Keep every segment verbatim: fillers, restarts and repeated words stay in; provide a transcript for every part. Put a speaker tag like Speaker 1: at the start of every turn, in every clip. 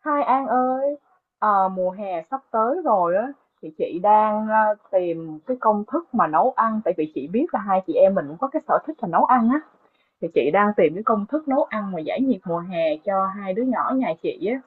Speaker 1: Hai An ơi, ờ, mùa hè sắp tới rồi á. Thì chị đang ờ, tìm cái công thức mà nấu ăn, tại vì chị biết là hai chị em mình cũng có cái sở thích là nấu ăn á. Thì chị đang tìm cái công thức nấu ăn mà giải nhiệt mùa hè cho hai đứa nhỏ nhà chị á.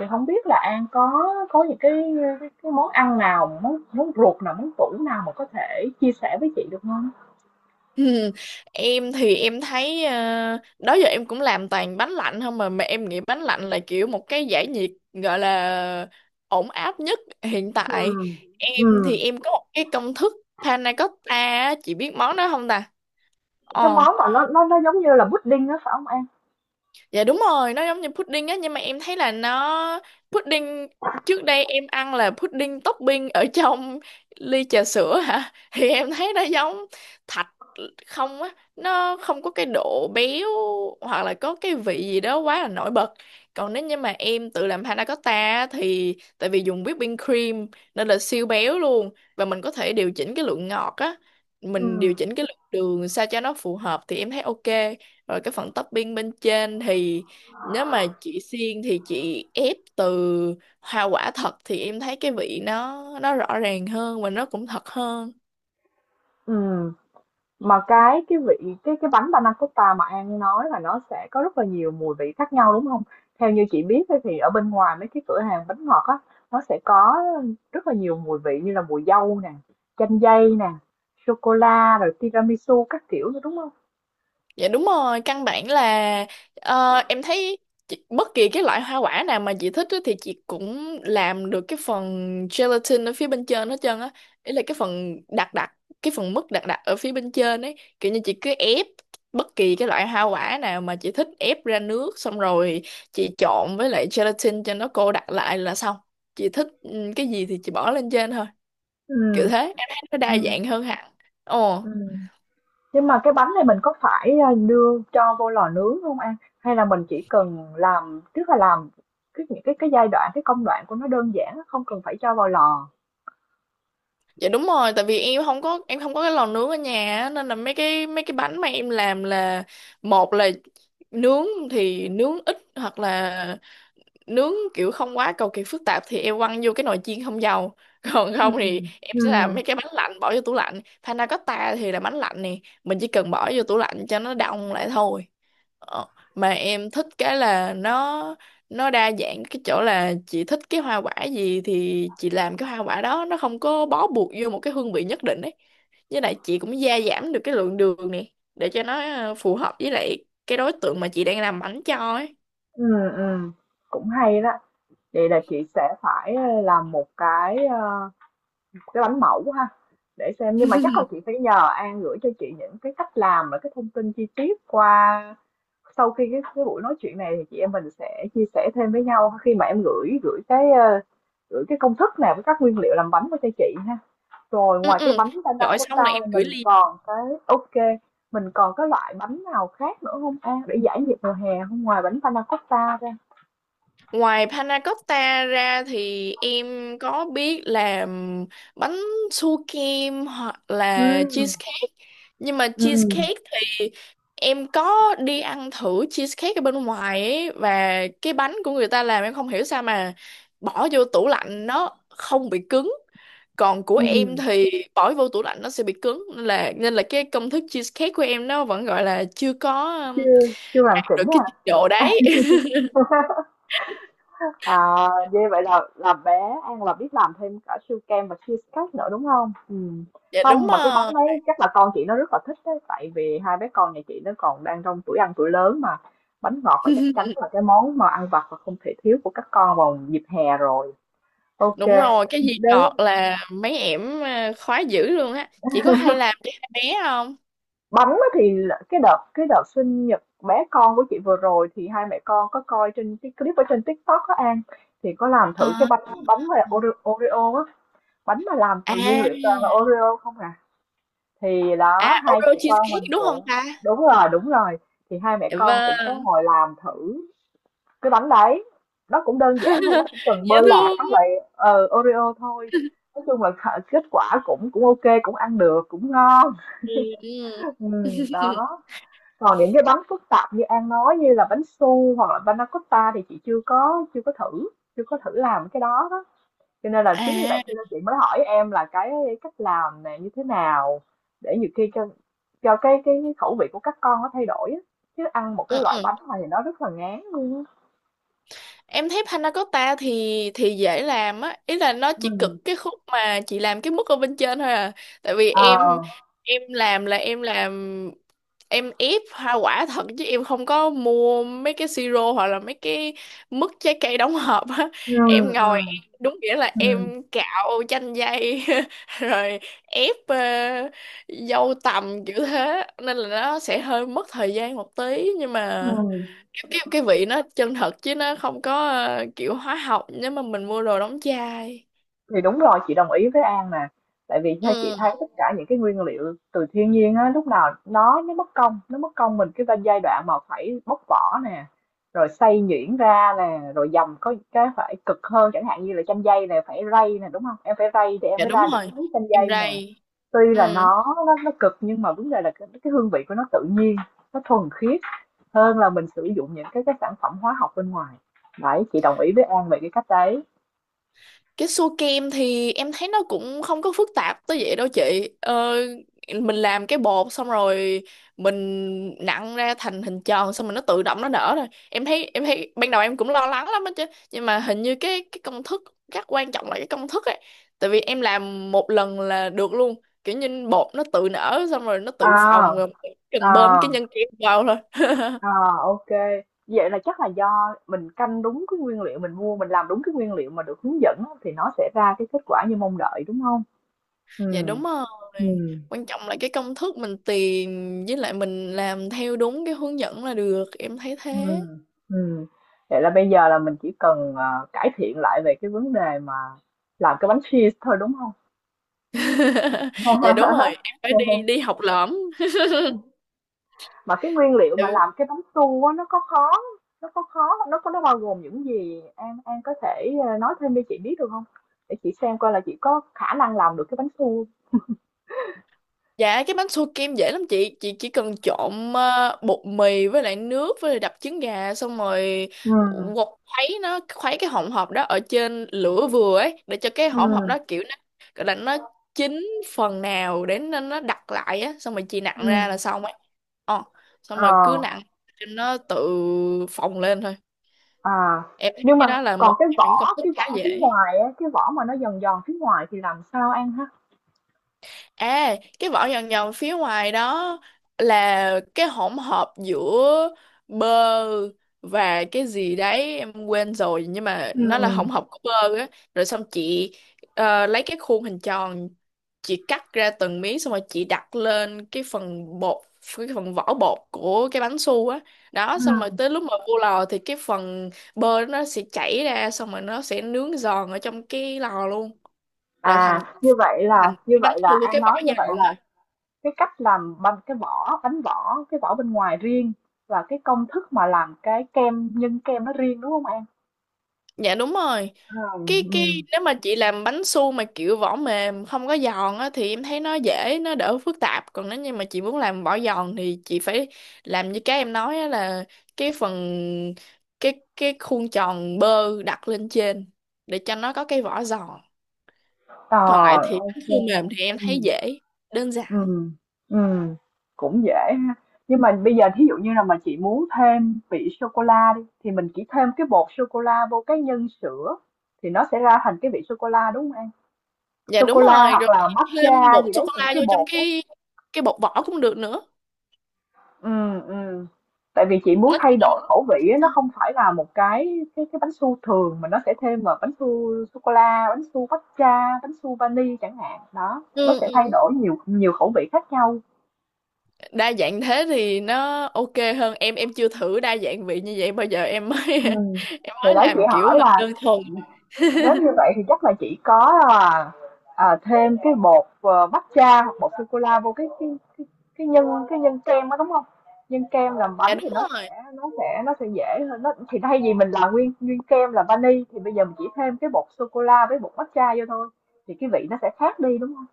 Speaker 1: Thì không biết là An có có những cái cái, cái món ăn nào, món món ruột nào, món tủ nào mà có thể chia sẻ với chị được không?
Speaker 2: Ừ, em thì em thấy ờ, đó giờ em cũng làm toàn bánh lạnh không mà mà em nghĩ bánh lạnh là kiểu một cái giải nhiệt gọi là ổn áp nhất hiện
Speaker 1: Ừ.
Speaker 2: tại. Em
Speaker 1: Ừ.
Speaker 2: thì em có một cái công thức panna cotta á, chị biết món đó không ta?
Speaker 1: Cái
Speaker 2: ờ
Speaker 1: món mà nó nó nó giống như là pudding đó phải không An?
Speaker 2: Dạ đúng rồi, nó giống như pudding á nhưng mà em thấy là nó pudding, trước đây em ăn là pudding topping ở trong ly trà sữa hả? Thì em thấy nó giống thạch không á, nó không có cái độ béo hoặc là có cái vị gì đó quá là nổi bật. Còn nếu như mà em tự làm panna cotta á, thì tại vì dùng whipping cream nên là siêu béo luôn, và mình có thể điều chỉnh cái lượng ngọt á,
Speaker 1: Ừ.
Speaker 2: mình điều chỉnh cái lượng đường sao cho nó phù hợp thì em thấy ok. Rồi cái phần topping bên trên thì nếu mà chị xiên thì chị ép từ hoa quả thật thì em thấy cái vị nó nó rõ ràng hơn và nó cũng thật hơn.
Speaker 1: Ừ. Mà cái cái vị cái cái bánh panna cotta mà An nói là nó sẽ có rất là nhiều mùi vị khác nhau đúng không? Theo như chị biết ấy, thì ở bên ngoài mấy cái cửa hàng bánh ngọt á, nó sẽ có rất là nhiều mùi vị như là mùi dâu nè, chanh dây nè, sô cô la rồi tiramisu các kiểu nữa đúng không?
Speaker 2: Dạ đúng rồi, căn bản là ờ, em thấy chị- bất kỳ cái loại hoa quả nào mà chị thích á thì chị cũng làm được cái phần gelatin ở phía bên trên hết trơn á. Ý là cái phần đặc đặc, cái phần mứt đặc đặc ở phía bên trên ấy. Kiểu như chị cứ ép bất kỳ cái loại hoa quả nào mà chị thích, ép ra nước xong rồi chị trộn với lại gelatin cho nó cô đặc lại là xong. Chị thích ừ, cái gì thì chị bỏ lên trên thôi. Kiểu
Speaker 1: Ừ,
Speaker 2: thế, em thấy nó
Speaker 1: ừ,
Speaker 2: đa dạng hơn hẳn. Ồ.
Speaker 1: ừ. Nhưng mà cái bánh này mình có phải ờ, đưa cho vô lò nướng không An? Hay là mình chỉ cần làm, tức là làm cái những cái cái giai đoạn, cái công đoạn của nó đơn giản, không cần phải cho vào lò.
Speaker 2: Dạ đúng rồi, tại vì em không có em không có cái lò nướng ở nhà á, nên là mấy cái mấy cái bánh mà em làm là một là nướng thì nướng ít hoặc là nướng kiểu không quá cầu kỳ phức tạp thì em quăng vô cái nồi chiên không dầu. Còn
Speaker 1: Ừ,
Speaker 2: không thì em
Speaker 1: ừ.
Speaker 2: sẽ làm mấy cái bánh lạnh bỏ vô tủ lạnh. Panna cotta thì là bánh lạnh nè, mình chỉ cần bỏ vô tủ lạnh cho nó đông lại thôi. Ờ, mà em thích cái là nó nó đa dạng cái chỗ là chị thích cái hoa quả gì thì chị làm cái hoa quả đó, nó không có bó buộc vô một cái hương vị nhất định ấy, với lại chị cũng gia giảm được cái lượng đường này để cho nó ờ, phù hợp với lại cái đối tượng mà chị đang làm bánh cho ấy.
Speaker 1: Ừ, ừm, cũng hay đó. Vậy là chị sẽ phải ờ, làm một cái ờ, cái bánh mẫu ha, để xem. Nhưng mà chắc là chị phải nhờ An gửi cho chị những cái cách làm và cái thông tin chi tiết, qua sau khi cái, cái buổi nói chuyện này thì chị em mình sẽ chia sẻ thêm với nhau, khi mà em gửi gửi cái ờ, gửi cái công thức này với các nguyên liệu làm bánh qua cho chị ha. Rồi
Speaker 2: ừ
Speaker 1: ngoài cái
Speaker 2: ừ
Speaker 1: bánh panna
Speaker 2: Gọi xong là
Speaker 1: cotta,
Speaker 2: em gửi
Speaker 1: mình
Speaker 2: ly.
Speaker 1: còn cái ok, mình còn cái loại bánh nào khác nữa không An, để giải nhiệt mùa hè, không ngoài bánh panna cotta ra.
Speaker 2: Ngoài panna cotta ra thì em có biết làm bánh su kem hoặc là
Speaker 1: Ừ.
Speaker 2: cheesecake. Nhưng mà
Speaker 1: Ừm,
Speaker 2: cheesecake thì em có đi ăn thử cheesecake ở bên ngoài ấy, và cái bánh của người ta làm em không hiểu sao mà bỏ vô tủ lạnh nó không bị cứng. Còn của em
Speaker 1: ừm,
Speaker 2: thì bỏ vô tủ lạnh nó sẽ bị cứng, nên là nên là cái công thức cheesecake của em nó vẫn gọi là chưa có um,
Speaker 1: chưa chưa hoàn
Speaker 2: được
Speaker 1: chỉnh
Speaker 2: cái trình độ
Speaker 1: à?
Speaker 2: đấy.
Speaker 1: À, vậy vậy là là bé An là biết làm thêm cả siêu kem và cheesecake nữa đúng không? Ừm.
Speaker 2: Dạ đúng
Speaker 1: Không, mà cái bánh
Speaker 2: rồi.
Speaker 1: đấy chắc là con chị nó rất là thích đấy, tại vì hai bé con nhà chị nó còn đang trong tuổi ăn tuổi lớn mà. Bánh ngọt là chắc chắn là cái món mà ăn vặt và không thể thiếu của các con vào dịp hè rồi. Ok.
Speaker 2: Đúng rồi, cái gì ngọt là mấy ẻm à, khoái dữ luôn á. Chị có hay làm cho hai bé không?
Speaker 1: Bánh á thì là cái đợt cái đợt sinh nhật bé con của chị vừa rồi, thì hai mẹ con có coi trên cái clip ở trên TikTok á An, thì có làm thử cái
Speaker 2: Ờ.
Speaker 1: bánh bánh mà Oreo, Oreo á, bánh mà làm từ nguyên
Speaker 2: À,
Speaker 1: liệu toàn là Oreo không à. Thì
Speaker 2: à,
Speaker 1: đó hai
Speaker 2: Oreo
Speaker 1: mẹ con
Speaker 2: cheesecake
Speaker 1: mình
Speaker 2: đúng không
Speaker 1: cũng,
Speaker 2: ta?
Speaker 1: đúng rồi, đúng rồi, thì hai mẹ
Speaker 2: Dạ
Speaker 1: con cũng có
Speaker 2: vâng.
Speaker 1: ngồi làm thử cái bánh đấy. Nó cũng đơn giản thôi, nó cũng cần
Speaker 2: Dễ
Speaker 1: bơ lạc
Speaker 2: thương.
Speaker 1: với lại ờ, Oreo thôi. Nói chung là khả- kết quả cũng cũng ok, cũng ăn được, cũng ngon.
Speaker 2: Ừ. Ừ.
Speaker 1: ừ, đó. Còn những cái bánh phức tạp như An nói, như là bánh su hoặc là panna cotta, thì chị chưa có chưa có thử, chưa có thử làm cái đó đó. Cho nên là chính vì vậy
Speaker 2: À,
Speaker 1: cho nên chị mới hỏi em là cái cách làm này như thế nào, để nhiều khi cho cho cái cái khẩu vị của các con nó thay đổi á. Chứ ăn một
Speaker 2: ừ,
Speaker 1: cái loại
Speaker 2: ừ.
Speaker 1: bánh này thì nó rất là ngán luôn á.
Speaker 2: Em thấy panna cotta thì thì dễ làm á, ý là nó chỉ cực
Speaker 1: Ừ.
Speaker 2: cái khúc mà chị làm cái mức ở bên trên thôi à. Tại vì em
Speaker 1: À.
Speaker 2: em làm là em làm em ép hoa quả thật chứ em không có mua mấy cái siro hoặc là mấy cái mứt trái cây đóng hộp á.
Speaker 1: Ừ.
Speaker 2: Em
Speaker 1: Ừ.
Speaker 2: ngồi em- đúng nghĩa là
Speaker 1: Ừ.
Speaker 2: em cạo chanh dây rồi ép ờ, dâu tằm kiểu thế nên là nó sẽ hơi mất thời gian một tí, nhưng mà
Speaker 1: Ừ.
Speaker 2: cái cái vị nó chân thật chứ nó không có ờ, kiểu hóa học nếu mà mình mua đồ đóng chai.
Speaker 1: Thì đúng rồi, chị đồng ý với An nè. Tại vì theo chị thấy
Speaker 2: Ừ.
Speaker 1: tất cả những cái nguyên liệu từ thiên nhiên á, lúc nào nó nó mất công, nó mất công mình cái giai đoạn mà phải bóc vỏ nè, rồi xay nhuyễn ra nè, rồi dầm có cái phải cực hơn, chẳng hạn như là chanh dây này phải rây nè, đúng không? Em phải rây thì em
Speaker 2: Dạ
Speaker 1: mới
Speaker 2: đúng
Speaker 1: ra được cái
Speaker 2: rồi,
Speaker 1: miếng chanh
Speaker 2: em
Speaker 1: dây nè.
Speaker 2: rây.
Speaker 1: Tuy là
Speaker 2: Ừ.
Speaker 1: nó nó nó cực, nhưng mà vấn đề là cái, cái hương vị của nó tự nhiên, nó thuần khiết hơn là mình sử dụng những cái cái sản phẩm hóa học bên ngoài. Đấy, chị đồng ý với An về cái cách đấy.
Speaker 2: Cái xua kem thì em thấy nó cũng không có phức tạp tới vậy đâu chị. Ờ, mình làm cái bột xong rồi mình nặn ra thành hình tròn, xong rồi nó tự động nó nở rồi. Em thấy em thấy ban đầu em cũng lo lắng lắm á chứ. Nhưng mà hình như cái cái công thức rất quan trọng là cái công thức ấy. Tại vì em làm một lần là được luôn. Kiểu như bột nó tự nở xong rồi nó tự
Speaker 1: À,
Speaker 2: phồng rồi, cần bơm
Speaker 1: à,
Speaker 2: cái nhân kem vào thôi.
Speaker 1: à. OK. Vậy là chắc là do mình canh đúng cái nguyên liệu mình mua, mình làm đúng cái nguyên liệu mà được hướng dẫn á, thì nó sẽ ra cái kết quả như mong đợi, đúng không? Ừ,
Speaker 2: Dạ đúng rồi.
Speaker 1: ừ,
Speaker 2: Quan trọng là cái công thức mình tìm với lại mình làm theo đúng cái hướng dẫn là được. Em thấy
Speaker 1: ừ.
Speaker 2: thế.
Speaker 1: Ừm. Vậy là bây giờ là mình chỉ cần, ờ, cải thiện lại về cái vấn đề mà làm cái bánh cheese thôi, đúng không?
Speaker 2: Dạ đúng rồi. Em phải đi đi học lỏm.
Speaker 1: Mà cái nguyên liệu mà làm cái bánh su á, nó có khó, nó có khó nó có nó bao gồm những gì? An An có thể, ờ, nói thêm cho chị biết được không, để chị xem coi là chị có khả năng làm được cái bánh su.
Speaker 2: Dạ cái bánh xua kem dễ lắm chị. Chị chỉ cần trộn ờ, bột mì với lại nước với lại đập trứng gà. Xong rồi
Speaker 1: Ừ,
Speaker 2: quật khuấy nó, khuấy cái hỗn hợp đó ở trên lửa vừa ấy, để cho cái
Speaker 1: ừ,
Speaker 2: hỗn hợp đó kiểu nó gọi là nó chín phần nào, để nó, nó đặc lại á. Xong rồi chị nặn
Speaker 1: ừ.
Speaker 2: ra là xong ấy. Ờ, xong
Speaker 1: ờ,
Speaker 2: rồi cứ nặn cho nó tự phồng lên thôi.
Speaker 1: à,
Speaker 2: Em thấy
Speaker 1: nhưng
Speaker 2: cái
Speaker 1: mà
Speaker 2: đó là
Speaker 1: còn
Speaker 2: một
Speaker 1: cái
Speaker 2: trong những công
Speaker 1: vỏ
Speaker 2: thức
Speaker 1: cái
Speaker 2: khá
Speaker 1: vỏ phía
Speaker 2: dễ.
Speaker 1: ngoài á, cái vỏ mà nó giòn giòn phía ngoài thì làm sao ăn ha?
Speaker 2: À, cái vỏ nhòn nhòn phía ngoài đó là cái hỗn hợp giữa bơ và cái gì đấy em quên rồi, nhưng mà
Speaker 1: Ừ,
Speaker 2: nó là hỗn hợp của bơ á, rồi xong chị ờ, lấy cái khuôn hình tròn, chị cắt ra từng miếng xong rồi chị đặt lên cái phần bột, cái phần vỏ bột của cái bánh su á đó, xong rồi
Speaker 1: ừ.
Speaker 2: tới lúc mà vô lò thì cái phần bơ nó sẽ chảy ra, xong rồi nó sẽ nướng giòn ở trong cái lò luôn, là thành
Speaker 1: À, như vậy là
Speaker 2: thành
Speaker 1: như
Speaker 2: cái bánh
Speaker 1: vậy
Speaker 2: su
Speaker 1: là
Speaker 2: với
Speaker 1: An
Speaker 2: cái vỏ
Speaker 1: nói như vậy
Speaker 2: giòn
Speaker 1: là
Speaker 2: á.
Speaker 1: cái cách làm bánh, cái vỏ bánh vỏ cái vỏ bên ngoài riêng, và cái công thức mà làm cái kem nhân kem nó riêng, đúng không An?
Speaker 2: Dạ đúng rồi.
Speaker 1: Ờ.
Speaker 2: Cái cái
Speaker 1: Ừ.
Speaker 2: nếu mà chị làm bánh su mà kiểu vỏ mềm không có giòn á thì em thấy nó dễ, nó đỡ phức tạp. Còn nếu như mà chị muốn làm vỏ giòn thì chị phải làm như cái em nói á, là cái phần cái cái khuôn tròn bơ đặt lên trên để cho nó có cái vỏ giòn.
Speaker 1: Ờ,
Speaker 2: Còn lại thì bánh
Speaker 1: ok.
Speaker 2: su mềm thì em
Speaker 1: Ừ.
Speaker 2: thấy dễ, đơn giản.
Speaker 1: Ừm, ừm, cũng dễ ha. Nhưng mà bây giờ thí dụ như là mà chị muốn thêm vị sô cô la đi, thì mình chỉ thêm cái bột sô cô la vô cái nhân sữa, thì nó sẽ ra thành cái vị sô cô la đúng không em?
Speaker 2: Dạ
Speaker 1: Sô
Speaker 2: đúng
Speaker 1: cô la
Speaker 2: rồi,
Speaker 1: hoặc
Speaker 2: rồi
Speaker 1: là
Speaker 2: chị thêm
Speaker 1: matcha
Speaker 2: bột
Speaker 1: gì
Speaker 2: sô cô
Speaker 1: đấy, những
Speaker 2: la
Speaker 1: cái
Speaker 2: vô trong
Speaker 1: bột đó.
Speaker 2: cái cái bột vỏ cũng được nữa.
Speaker 1: Ừ, ừ. Tại vì chị muốn
Speaker 2: Nói
Speaker 1: thay
Speaker 2: chung là
Speaker 1: đổi khẩu vị á, nó không phải là một cái cái cái bánh su thường mà nó sẽ thêm vào bánh su sô cô la, bánh su matcha, bánh su vani chẳng hạn. Đó,
Speaker 2: ừ,
Speaker 1: nó
Speaker 2: ừ.
Speaker 1: sẽ thay
Speaker 2: Ừ.
Speaker 1: đổi nhiều nhiều khẩu vị khác nhau.
Speaker 2: Đa dạng thế thì nó ok hơn, em em chưa thử đa dạng vị như vậy bao giờ, em mới
Speaker 1: Ừm.
Speaker 2: em
Speaker 1: Thì
Speaker 2: mới
Speaker 1: đấy, chị
Speaker 2: làm kiểu
Speaker 1: hỏi
Speaker 2: là
Speaker 1: là,
Speaker 2: đơn thuần.
Speaker 1: nếu như vậy thì chắc là chỉ có là, à, thêm cái bột, ờ, matcha hoặc bột sô-cô-la vô cái cái cái cái nhân cái nhân kem đó, đúng không? Nhân kem làm
Speaker 2: Dạ
Speaker 1: bánh thì
Speaker 2: đúng
Speaker 1: nó
Speaker 2: rồi.
Speaker 1: sẽ nó sẽ nó sẽ dễ hơn, nó thì thay vì mình làm nguyên nguyên kem là vani thì bây giờ mình chỉ thêm cái bột sô-cô-la với bột matcha vô thôi, thì cái vị nó sẽ khác đi, đúng không?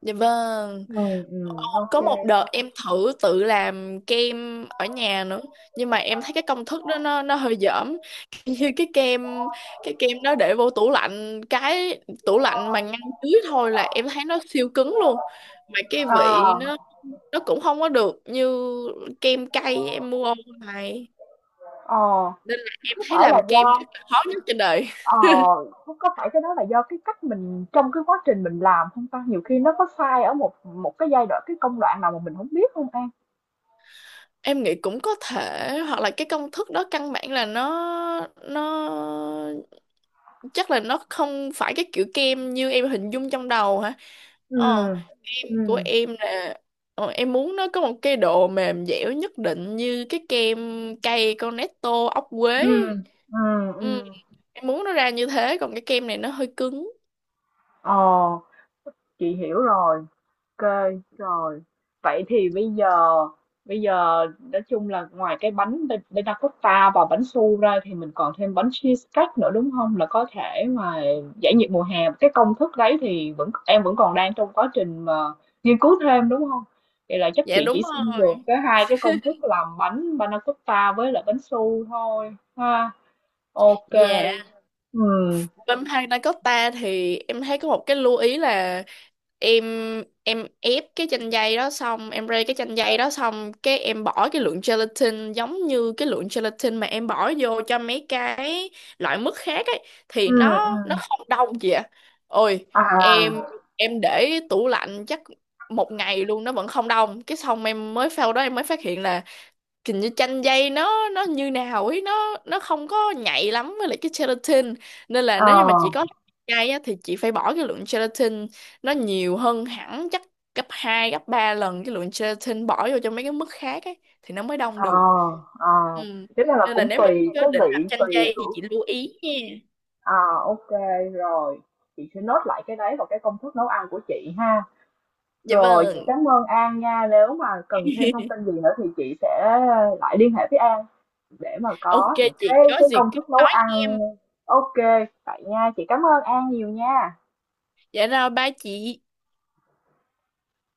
Speaker 2: Dạ vâng.
Speaker 1: Ừm,
Speaker 2: Ồ,
Speaker 1: ừm, ô
Speaker 2: có
Speaker 1: kê.
Speaker 2: một đợt em thử tự làm kem ở nhà nữa nhưng mà em thấy cái công thức đó nó nó hơi dởm. Kiểu như cái kem, cái kem đó để vô tủ lạnh, cái tủ lạnh mà ngăn dưới thôi là em thấy nó siêu cứng luôn, mà cái vị
Speaker 1: Ờ,
Speaker 2: nó nó cũng không có được như kem cay em mua online,
Speaker 1: ờ,
Speaker 2: nên là em
Speaker 1: có
Speaker 2: thấy
Speaker 1: phải là
Speaker 2: làm kem
Speaker 1: do
Speaker 2: chắc là khó nhất trên đời.
Speaker 1: Ờ, có có phải cái đó là do cái cách mình trong cái quá trình mình làm không ta? Nhiều khi nó có sai ở một một cái giai đoạn cái công đoạn nào mà mình không biết không An?
Speaker 2: Em nghĩ cũng có thể, hoặc là cái công thức đó căn bản là nó nó chắc là nó không phải cái kiểu kem như em hình dung trong đầu hả.
Speaker 1: Ừ,
Speaker 2: ờ em
Speaker 1: ừ,
Speaker 2: của em là ờ, em muốn nó có một cái độ mềm dẻo nhất định như cái kem cây Cornetto ốc quế.
Speaker 1: ừ, ừ.
Speaker 2: Ừ,
Speaker 1: Ừm.
Speaker 2: em muốn nó ra như thế, còn cái kem này nó hơi cứng.
Speaker 1: Ờ, chị hiểu rồi. Ok, rồi. Vậy thì bây giờ bây giờ nói chung là ngoài cái bánh bê- bê ta cotta và bánh su ra thì mình còn thêm bánh cheesecake nữa đúng không? Là có thể mà giải nhiệt mùa hè. Cái công thức đấy thì vẫn em vẫn còn đang trong quá trình mà nghiên cứu thêm đúng không? Vậy là chắc
Speaker 2: Dạ
Speaker 1: chị
Speaker 2: đúng
Speaker 1: chỉ xin được
Speaker 2: rồi.
Speaker 1: cái hai cái công thức làm bánh panna cotta với lại bánh su thôi ha. Ok.
Speaker 2: Dạ,
Speaker 1: Ừ.
Speaker 2: Vampire Dakota thì em thấy có một cái lưu ý là em em ép cái chanh dây đó xong em rây cái chanh dây đó, xong cái em bỏ cái lượng gelatin giống như cái lượng gelatin mà em bỏ vô cho mấy cái loại mứt khác ấy thì
Speaker 1: Ừ.
Speaker 2: nó nó
Speaker 1: Ừ.
Speaker 2: không đông gì ạ. Ôi, em
Speaker 1: À,
Speaker 2: em để tủ lạnh chắc một ngày luôn nó vẫn không đông, cái xong em mới, sau đó em mới phát hiện là kiểu như chanh dây nó nó như nào ấy, nó nó không có nhạy lắm với lại cái gelatin, nên là
Speaker 1: ờ.
Speaker 2: nếu như mà chị có chai á, thì chị phải bỏ cái lượng gelatin nó nhiều hơn hẳn, chắc gấp hai gấp ba lần cái lượng gelatin bỏ vô cho mấy cái mức khác ấy thì nó mới đông
Speaker 1: Ờ,
Speaker 2: được.
Speaker 1: ờ,
Speaker 2: Ừ.
Speaker 1: thế là, là
Speaker 2: Nên là
Speaker 1: cũng
Speaker 2: nếu mà chị
Speaker 1: tùy
Speaker 2: có
Speaker 1: cái
Speaker 2: định làm
Speaker 1: vị
Speaker 2: chanh
Speaker 1: tùy
Speaker 2: dây thì
Speaker 1: tuổi.
Speaker 2: chị lưu ý nha.
Speaker 1: À, ok, rồi. Chị sẽ nốt lại cái đấy vào cái công thức nấu ăn của chị ha.
Speaker 2: Dạ
Speaker 1: Rồi chị
Speaker 2: vâng.
Speaker 1: cảm ơn An nha, nếu mà cần thêm thông tin gì nữa thì chị sẽ lại liên hệ với An để mà
Speaker 2: Ok,
Speaker 1: có những
Speaker 2: chị
Speaker 1: cái
Speaker 2: có
Speaker 1: cái
Speaker 2: gì
Speaker 1: công
Speaker 2: cứ
Speaker 1: thức nấu
Speaker 2: nói
Speaker 1: ăn.
Speaker 2: em.
Speaker 1: Ok, vậy nha, chị cảm ơn An nhiều nha.
Speaker 2: Dạ rồi ba chị.